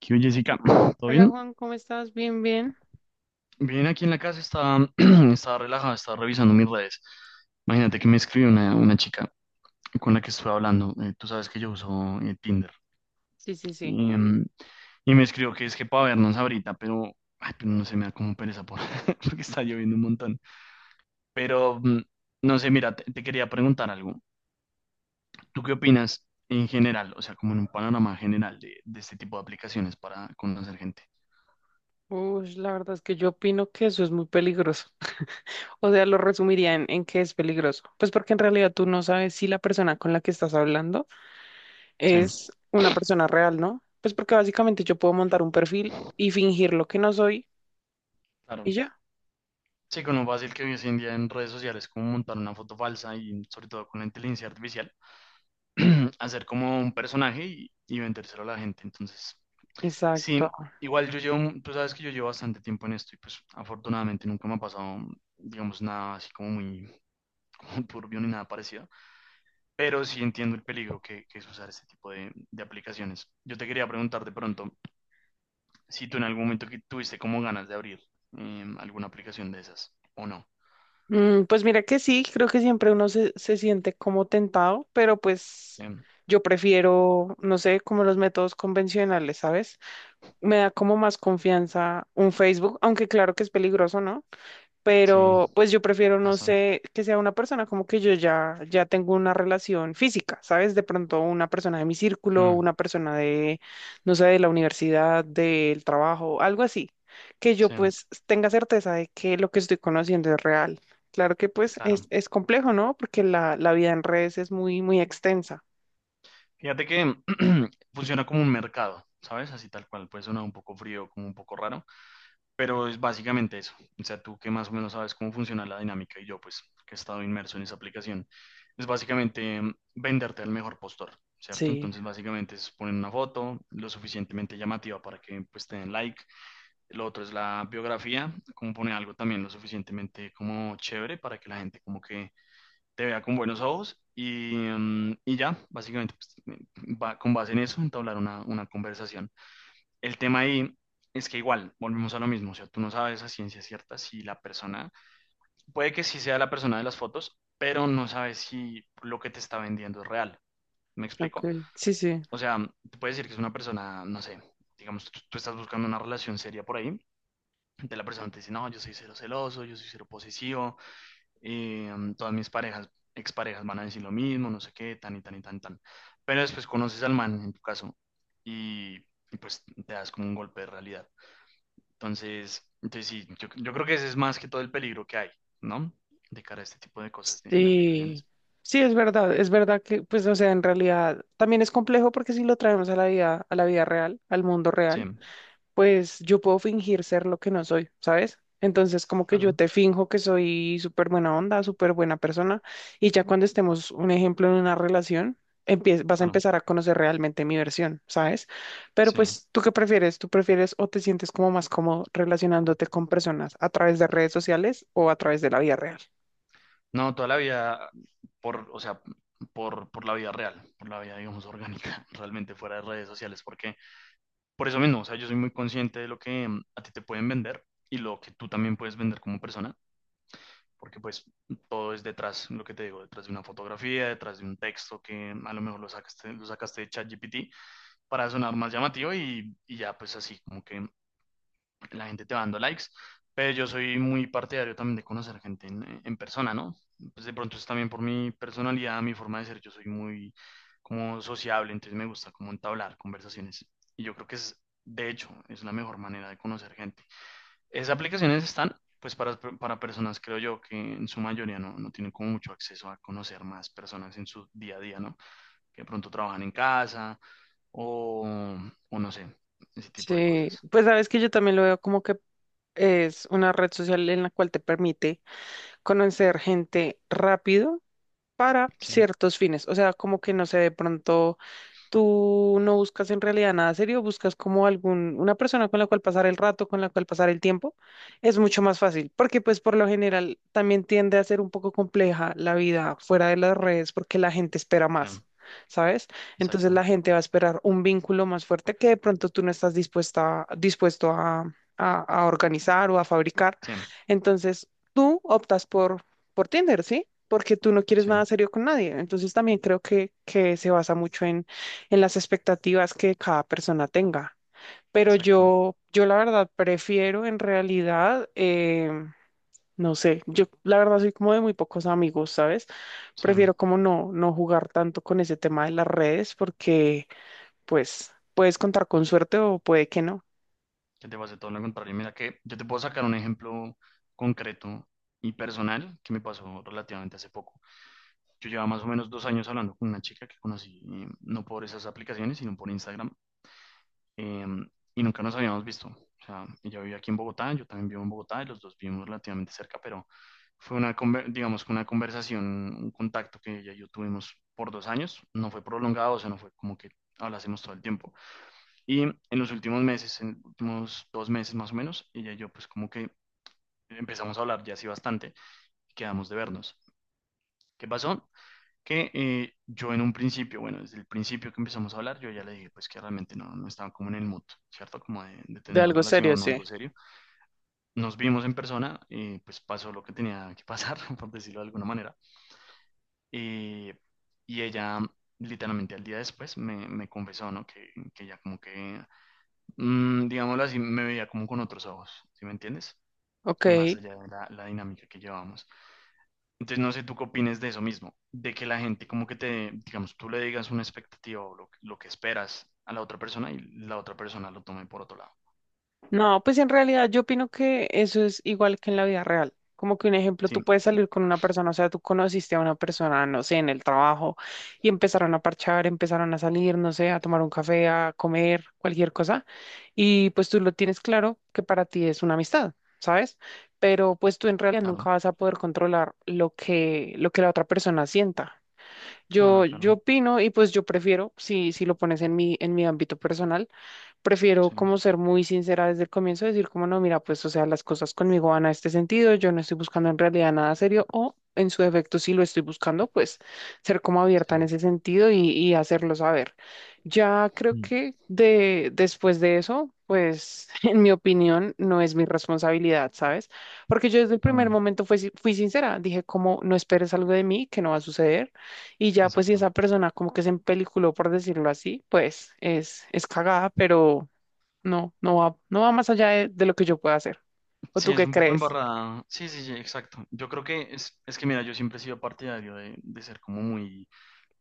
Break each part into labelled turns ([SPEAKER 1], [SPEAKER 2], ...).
[SPEAKER 1] ¿Qué hubo, Jessica? ¿Todo
[SPEAKER 2] Hola
[SPEAKER 1] bien?
[SPEAKER 2] Juan, ¿cómo estás? Bien, bien.
[SPEAKER 1] Bien, aquí en la casa estaba, estaba relajada, estaba revisando mis redes. Imagínate que me escribió una chica con la que estuve hablando. Tú sabes que yo uso Tinder.
[SPEAKER 2] Sí, sí, sí.
[SPEAKER 1] Y, em, y me escribió que es que para vernos ahorita, pero, ay, pero no sé, me da como pereza por, porque está lloviendo un montón. Pero, mm, no sé, mira, te quería preguntar algo. ¿Tú qué opinas en general, o sea, como en un panorama general de este tipo de aplicaciones para conocer gente?
[SPEAKER 2] Uy, la verdad es que yo opino que eso es muy peligroso. O sea, lo resumiría en que es peligroso. Pues porque en realidad tú no sabes si la persona con la que estás hablando
[SPEAKER 1] Sí,
[SPEAKER 2] es una persona real, ¿no? Pues porque básicamente yo puedo montar un perfil y fingir lo que no soy y
[SPEAKER 1] claro.
[SPEAKER 2] ya.
[SPEAKER 1] Sí, con lo fácil que hoy en día en redes sociales, como montar una foto falsa y sobre todo con la inteligencia artificial, hacer como un personaje y vendérselo a la gente. Entonces,
[SPEAKER 2] Exacto.
[SPEAKER 1] sí, igual yo llevo, tú sabes que yo llevo bastante tiempo en esto y pues afortunadamente nunca me ha pasado, digamos, nada así como muy como turbio ni nada parecido, pero sí entiendo el peligro que es usar este tipo de aplicaciones. Yo te quería preguntar de pronto si tú en algún momento que tuviste como ganas de abrir alguna aplicación de esas o no.
[SPEAKER 2] Mm, pues mira que sí, creo que siempre uno se siente como tentado, pero
[SPEAKER 1] Sí,
[SPEAKER 2] pues yo prefiero, no sé, como los métodos convencionales, ¿sabes? Me da como más confianza un Facebook, aunque claro que es peligroso, ¿no?
[SPEAKER 1] sí,
[SPEAKER 2] Pero pues yo prefiero, no
[SPEAKER 1] bastante.
[SPEAKER 2] sé, que sea una persona como que yo ya tengo una relación física, ¿sabes? De pronto una persona de mi círculo,
[SPEAKER 1] Mm,
[SPEAKER 2] una persona de, no sé, de la universidad, del trabajo, algo así, que yo
[SPEAKER 1] sí,
[SPEAKER 2] pues tenga certeza de que lo que estoy conociendo es real. Claro que pues es,
[SPEAKER 1] claro.
[SPEAKER 2] es complejo, ¿no? Porque la vida en redes es muy, muy extensa.
[SPEAKER 1] Fíjate que funciona como un mercado, ¿sabes? Así tal cual, puede sonar un poco frío, como un poco raro, pero es básicamente eso. O sea, tú que más o menos sabes cómo funciona la dinámica y yo, pues, que he estado inmerso en esa aplicación, es básicamente venderte al mejor postor, ¿cierto?
[SPEAKER 2] Sí,
[SPEAKER 1] Entonces, básicamente es poner una foto lo suficientemente llamativa para que, pues, te den like. Lo otro es la biografía, como poner algo también lo suficientemente como chévere para que la gente como que te vea con buenos ojos y y ya, básicamente, pues, va, con base en eso, entablar una conversación. El tema ahí es que igual, volvemos a lo mismo, o sea, tú no sabes a ciencia cierta si la persona, puede que sí sea la persona de las fotos, pero no sabes si lo que te está vendiendo es real. ¿Me
[SPEAKER 2] ok,
[SPEAKER 1] explico?
[SPEAKER 2] sí, sí.
[SPEAKER 1] O sea, te puedes decir que es una persona, no sé, digamos, tú estás buscando una relación seria por ahí, de la persona te dice, no, yo soy cero celoso, yo soy cero posesivo, todas mis parejas, exparejas van a decir lo mismo, no sé qué, tan y tan y tan, tan. Pero después conoces al man, en tu caso, y, y pues te das como un golpe de realidad. Entonces, entonces sí, yo creo que ese es más que todo el peligro que hay, ¿no? De cara a este tipo de cosas, de
[SPEAKER 2] Sí,
[SPEAKER 1] aplicaciones.
[SPEAKER 2] sí, es verdad que, pues, o sea, en realidad también es complejo porque si lo traemos a la vida real, al mundo
[SPEAKER 1] Sí,
[SPEAKER 2] real, pues yo puedo fingir ser lo que no soy, ¿sabes? Entonces, como que yo
[SPEAKER 1] claro,
[SPEAKER 2] te finjo que soy súper buena onda, súper buena persona, y ya cuando estemos, un ejemplo, en una relación, vas a
[SPEAKER 1] claro,
[SPEAKER 2] empezar a conocer realmente mi versión, ¿sabes? Pero
[SPEAKER 1] sí.
[SPEAKER 2] pues, ¿tú qué prefieres? ¿Tú prefieres o te sientes como más cómodo relacionándote con personas a través de redes sociales o a través de la vida real?
[SPEAKER 1] No, toda la vida, por, o sea, por la vida real, por la vida, digamos, orgánica, realmente fuera de redes sociales, porque por eso mismo, o sea, yo soy muy consciente de lo que a ti te pueden vender y lo que tú también puedes vender como persona, porque pues todo es detrás, lo que te digo, detrás de una fotografía, detrás de un texto que a lo mejor lo sacaste de ChatGPT para sonar más llamativo y ya pues así como que la gente te va dando likes, pero yo soy muy partidario también de conocer gente en persona, ¿no? Pues de pronto es también por mi personalidad, mi forma de ser, yo soy muy como sociable, entonces me gusta como entablar conversaciones. Y yo creo que es, de hecho, es la mejor manera de conocer gente. Esas aplicaciones están, pues, para personas, creo yo, que en su mayoría no, no tienen como mucho acceso a conocer más personas en su día a día, ¿no? Que de pronto trabajan en casa o, o no sé, ese tipo de
[SPEAKER 2] Sí,
[SPEAKER 1] cosas.
[SPEAKER 2] pues sabes que yo también lo veo como que es una red social en la cual te permite conocer gente rápido para
[SPEAKER 1] Sí,
[SPEAKER 2] ciertos fines, o sea, como que no sé, de pronto... Tú no buscas en realidad nada serio, buscas como algún, una persona con la cual pasar el rato, con la cual pasar el tiempo, es mucho más fácil, porque pues por lo general también tiende a ser un poco compleja la vida fuera de las redes porque la gente espera
[SPEAKER 1] sí,
[SPEAKER 2] más, ¿sabes? Entonces
[SPEAKER 1] exacto.
[SPEAKER 2] la gente va a esperar un vínculo más fuerte que de pronto tú no estás dispuesta, dispuesto a, a organizar o a fabricar.
[SPEAKER 1] Sí,
[SPEAKER 2] Entonces tú optas por Tinder, ¿sí? Porque tú no quieres
[SPEAKER 1] sí,
[SPEAKER 2] nada serio con nadie. Entonces también creo que se basa mucho en las expectativas que cada persona tenga. Pero
[SPEAKER 1] exacto.
[SPEAKER 2] yo la verdad prefiero en realidad, no sé, yo la verdad soy como de muy pocos amigos, ¿sabes?
[SPEAKER 1] Sí,
[SPEAKER 2] Prefiero como no, no jugar tanto con ese tema de las redes porque pues puedes contar con suerte o puede que no.
[SPEAKER 1] que te vas pase todo lo contrario. Mira que yo te puedo sacar un ejemplo concreto y personal que me pasó relativamente hace poco. Yo llevaba más o menos dos años hablando con una chica que conocí, no por esas aplicaciones, sino por Instagram, eh, y nunca nos habíamos visto. O sea, ella vivía aquí en Bogotá, yo también vivo en Bogotá, y los dos vivimos relativamente cerca, pero fue una, digamos, que una conversación, un contacto que ella y yo tuvimos por dos años. No fue prolongado, o sea, no fue como que hablásemos todo el tiempo. Y en los últimos meses, en los últimos dos meses más o menos, ella y yo pues como que empezamos a hablar ya así bastante y quedamos de vernos. ¿Qué pasó? Que yo en un principio, bueno, desde el principio que empezamos a hablar, yo ya le dije pues que realmente no, no estaba como en el mood, ¿cierto? Como de
[SPEAKER 2] De
[SPEAKER 1] tener una
[SPEAKER 2] algo serio,
[SPEAKER 1] relación o
[SPEAKER 2] sí.
[SPEAKER 1] algo serio. Nos vimos en persona y pues pasó lo que tenía que pasar, por decirlo de alguna manera. Y, y ella literalmente al día después me, me confesó, ¿no? Que ella como que digámoslo así, me veía como con otros ojos, ¿sí me entiendes?
[SPEAKER 2] Ok.
[SPEAKER 1] Más allá de la, la dinámica que llevábamos. Entonces, no sé tú qué opines de eso mismo, de que la gente como que te, digamos, tú le digas una expectativa o lo que esperas a la otra persona y la otra persona lo tome por otro lado.
[SPEAKER 2] No, pues en realidad yo opino que eso es igual que en la vida real. Como que un ejemplo,
[SPEAKER 1] Sí,
[SPEAKER 2] tú puedes salir con una persona, o sea, tú conociste a una persona, no sé, en el trabajo y empezaron a parchar, empezaron a salir, no sé, a tomar un café, a comer, cualquier cosa. Y pues tú lo tienes claro que para ti es una amistad, ¿sabes? Pero pues tú en realidad
[SPEAKER 1] claro,
[SPEAKER 2] nunca vas a poder controlar lo que la otra persona sienta. Yo,
[SPEAKER 1] claro, claro.
[SPEAKER 2] yo opino y pues yo prefiero, si, si lo pones en mi ámbito personal prefiero
[SPEAKER 1] Sí,
[SPEAKER 2] como ser muy sincera desde el comienzo, decir como no, mira, pues o sea, las cosas conmigo van a este sentido, yo no estoy buscando en realidad nada serio o en su defecto si lo estoy buscando, pues ser como abierta en
[SPEAKER 1] sí.
[SPEAKER 2] ese sentido y hacerlo saber. Ya creo
[SPEAKER 1] Mm.
[SPEAKER 2] que de, después de eso, pues en mi opinión no es mi responsabilidad, ¿sabes? Porque yo desde el primer
[SPEAKER 1] Mm.
[SPEAKER 2] momento fui, fui sincera, dije como no esperes algo de mí que no va a suceder. Y ya, pues, si
[SPEAKER 1] Exacto.
[SPEAKER 2] esa persona como que se empeliculó, por decirlo así, pues es cagada, pero no, no va más allá de lo que yo pueda hacer. ¿O
[SPEAKER 1] Sí,
[SPEAKER 2] tú
[SPEAKER 1] es
[SPEAKER 2] qué
[SPEAKER 1] un poco
[SPEAKER 2] crees?
[SPEAKER 1] embarrada. Sí, sí, sí, exacto. Yo creo que es que, mira, yo siempre he sido partidario de ser como muy,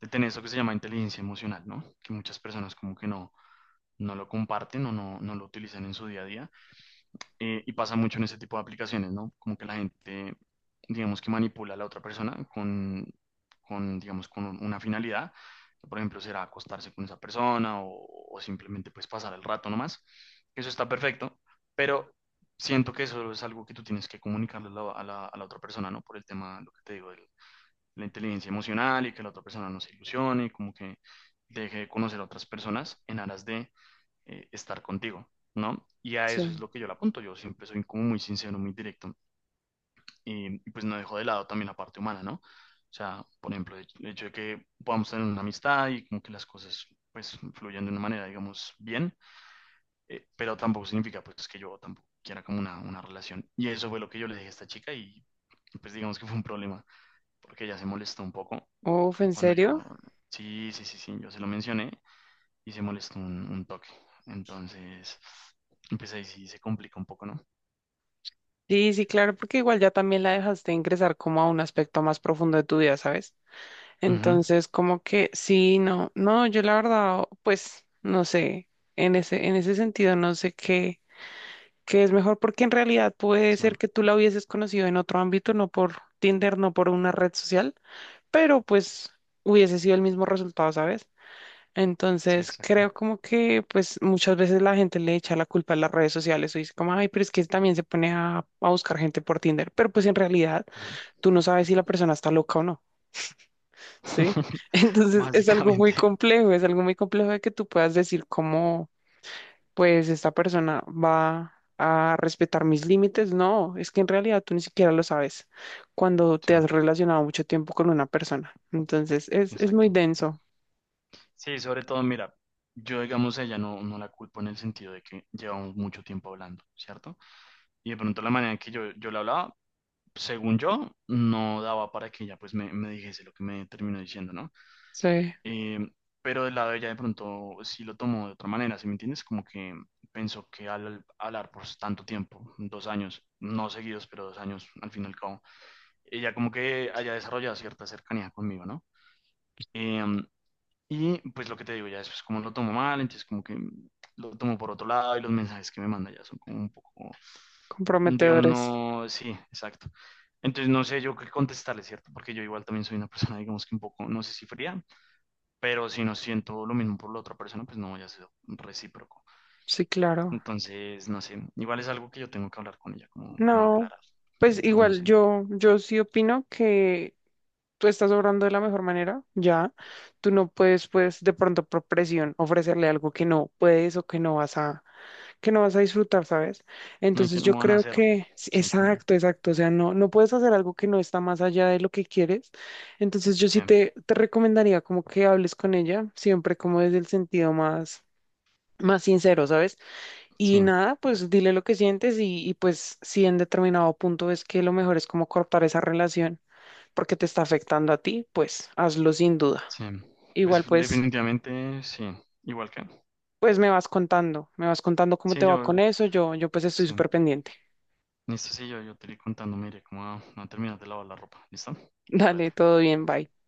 [SPEAKER 1] de tener eso que se llama inteligencia emocional, ¿no? Que muchas personas como que no, no lo comparten o no, no lo utilizan en su día a día. Y pasa mucho en ese tipo de aplicaciones, ¿no? Como que la gente, digamos que manipula a la otra persona con digamos, con una finalidad, que por ejemplo será acostarse con esa persona o simplemente pues pasar el rato nomás. Eso está perfecto, pero siento que eso es algo que tú tienes que comunicarle a la, a la otra persona, ¿no? Por el tema, lo que te digo, de la inteligencia emocional y que la otra persona no se ilusione, como que deje de conocer a otras personas en aras de estar contigo, ¿no? Y a eso es
[SPEAKER 2] Sí.
[SPEAKER 1] lo que yo le apunto, yo siempre soy como muy sincero, muy directo, y pues no dejo de lado también la parte humana, ¿no? O sea, por ejemplo, el hecho de que podamos tener una amistad y como que las cosas pues fluyan de una manera, digamos, bien, pero tampoco significa pues que yo tampoco quiera como una relación. Y eso fue lo que yo le dije a esta chica y pues digamos que fue un problema, porque ella se molestó un poco
[SPEAKER 2] Uf,
[SPEAKER 1] y
[SPEAKER 2] ¿en
[SPEAKER 1] cuando
[SPEAKER 2] serio?
[SPEAKER 1] yo, sí, sí, sí, sí, yo se lo mencioné y se molestó un toque. Entonces, pues ahí sí se complica un poco, ¿no?
[SPEAKER 2] Sí, sí, claro, porque igual ya también la dejaste ingresar como a un aspecto más profundo de tu vida, ¿sabes?
[SPEAKER 1] Ujú.
[SPEAKER 2] Entonces, como que sí, no, no, yo la verdad, pues, no sé, en ese sentido, no sé qué, qué es mejor, porque en realidad puede
[SPEAKER 1] Sí,
[SPEAKER 2] ser que tú la hubieses conocido en otro ámbito, no por Tinder, no por una red social, pero pues hubiese sido el mismo resultado, ¿sabes?
[SPEAKER 1] sí,
[SPEAKER 2] Entonces
[SPEAKER 1] exacto.
[SPEAKER 2] creo como que pues muchas veces la gente le echa la culpa a las redes sociales o dice como, ay, pero es que también se pone a buscar gente por Tinder, pero pues en realidad
[SPEAKER 1] Ah,
[SPEAKER 2] tú no sabes si la persona está loca o no, ¿sí? Entonces es algo muy
[SPEAKER 1] básicamente,
[SPEAKER 2] complejo, es algo muy complejo de que tú puedas decir como, pues esta persona va a respetar mis límites, no, es que en realidad tú ni siquiera lo sabes cuando
[SPEAKER 1] sí,
[SPEAKER 2] te has relacionado mucho tiempo con una persona. Entonces, es muy
[SPEAKER 1] exacto.
[SPEAKER 2] denso.
[SPEAKER 1] Sí, sobre todo, mira, yo digamos a ella no, no la culpo en el sentido de que llevamos mucho tiempo hablando, ¿cierto? Y de pronto la manera en que yo la hablaba, según yo, no daba para que ella pues me dijese lo que me terminó diciendo, ¿no?
[SPEAKER 2] Sí,
[SPEAKER 1] Em, pero del lado de ella de pronto sí lo tomó de otra manera, ¿sí me entiendes? Como que pensó que al hablar por tanto tiempo, dos años, no seguidos, pero dos años al fin y al cabo, ella como que haya desarrollado cierta cercanía conmigo, ¿no? Em, y pues lo que te digo, ya después como lo tomo mal, entonces como que lo tomo por otro lado y los mensajes que me manda ya son como un poco, digamos,
[SPEAKER 2] comprometedores.
[SPEAKER 1] no, sí, exacto. Entonces no sé yo qué contestarle, ¿cierto? Porque yo igual también soy una persona, digamos que un poco, no sé si fría, pero si no siento lo mismo por la otra persona, pues no voy a ser recíproco.
[SPEAKER 2] Sí, claro.
[SPEAKER 1] Entonces, no sé, igual es algo que yo tengo que hablar con ella, como, como
[SPEAKER 2] No,
[SPEAKER 1] aclarar,
[SPEAKER 2] pues
[SPEAKER 1] o no
[SPEAKER 2] igual
[SPEAKER 1] sé,
[SPEAKER 2] yo, yo sí opino que tú estás obrando de la mejor manera, ya. Tú no puedes, pues, de pronto por presión ofrecerle algo que no puedes o que no vas a, que no vas a disfrutar, ¿sabes?
[SPEAKER 1] no hay que
[SPEAKER 2] Entonces yo
[SPEAKER 1] no van a
[SPEAKER 2] creo
[SPEAKER 1] hacer,
[SPEAKER 2] que, sí,
[SPEAKER 1] sí, también,
[SPEAKER 2] exacto, exacto. O sea, no, no puedes hacer algo que no está más allá de lo que quieres. Entonces yo
[SPEAKER 1] sí,
[SPEAKER 2] sí te recomendaría como que hables con ella, siempre como desde el sentido más, más sincero, ¿sabes? Y
[SPEAKER 1] sí,
[SPEAKER 2] nada, pues dile lo que sientes y pues si en determinado punto ves que lo mejor es como cortar esa relación porque te está afectando a ti, pues hazlo sin duda.
[SPEAKER 1] sí, pues
[SPEAKER 2] Igual pues,
[SPEAKER 1] definitivamente sí, igual que,
[SPEAKER 2] pues me vas contando cómo
[SPEAKER 1] sí,
[SPEAKER 2] te va
[SPEAKER 1] yo,
[SPEAKER 2] con eso, yo pues estoy
[SPEAKER 1] sí,
[SPEAKER 2] súper pendiente.
[SPEAKER 1] listo, sí, yo te iré contando, mire, cómo va a terminar de lavar la ropa, ¿listo?
[SPEAKER 2] Dale,
[SPEAKER 1] Cuídate.
[SPEAKER 2] todo bien, bye.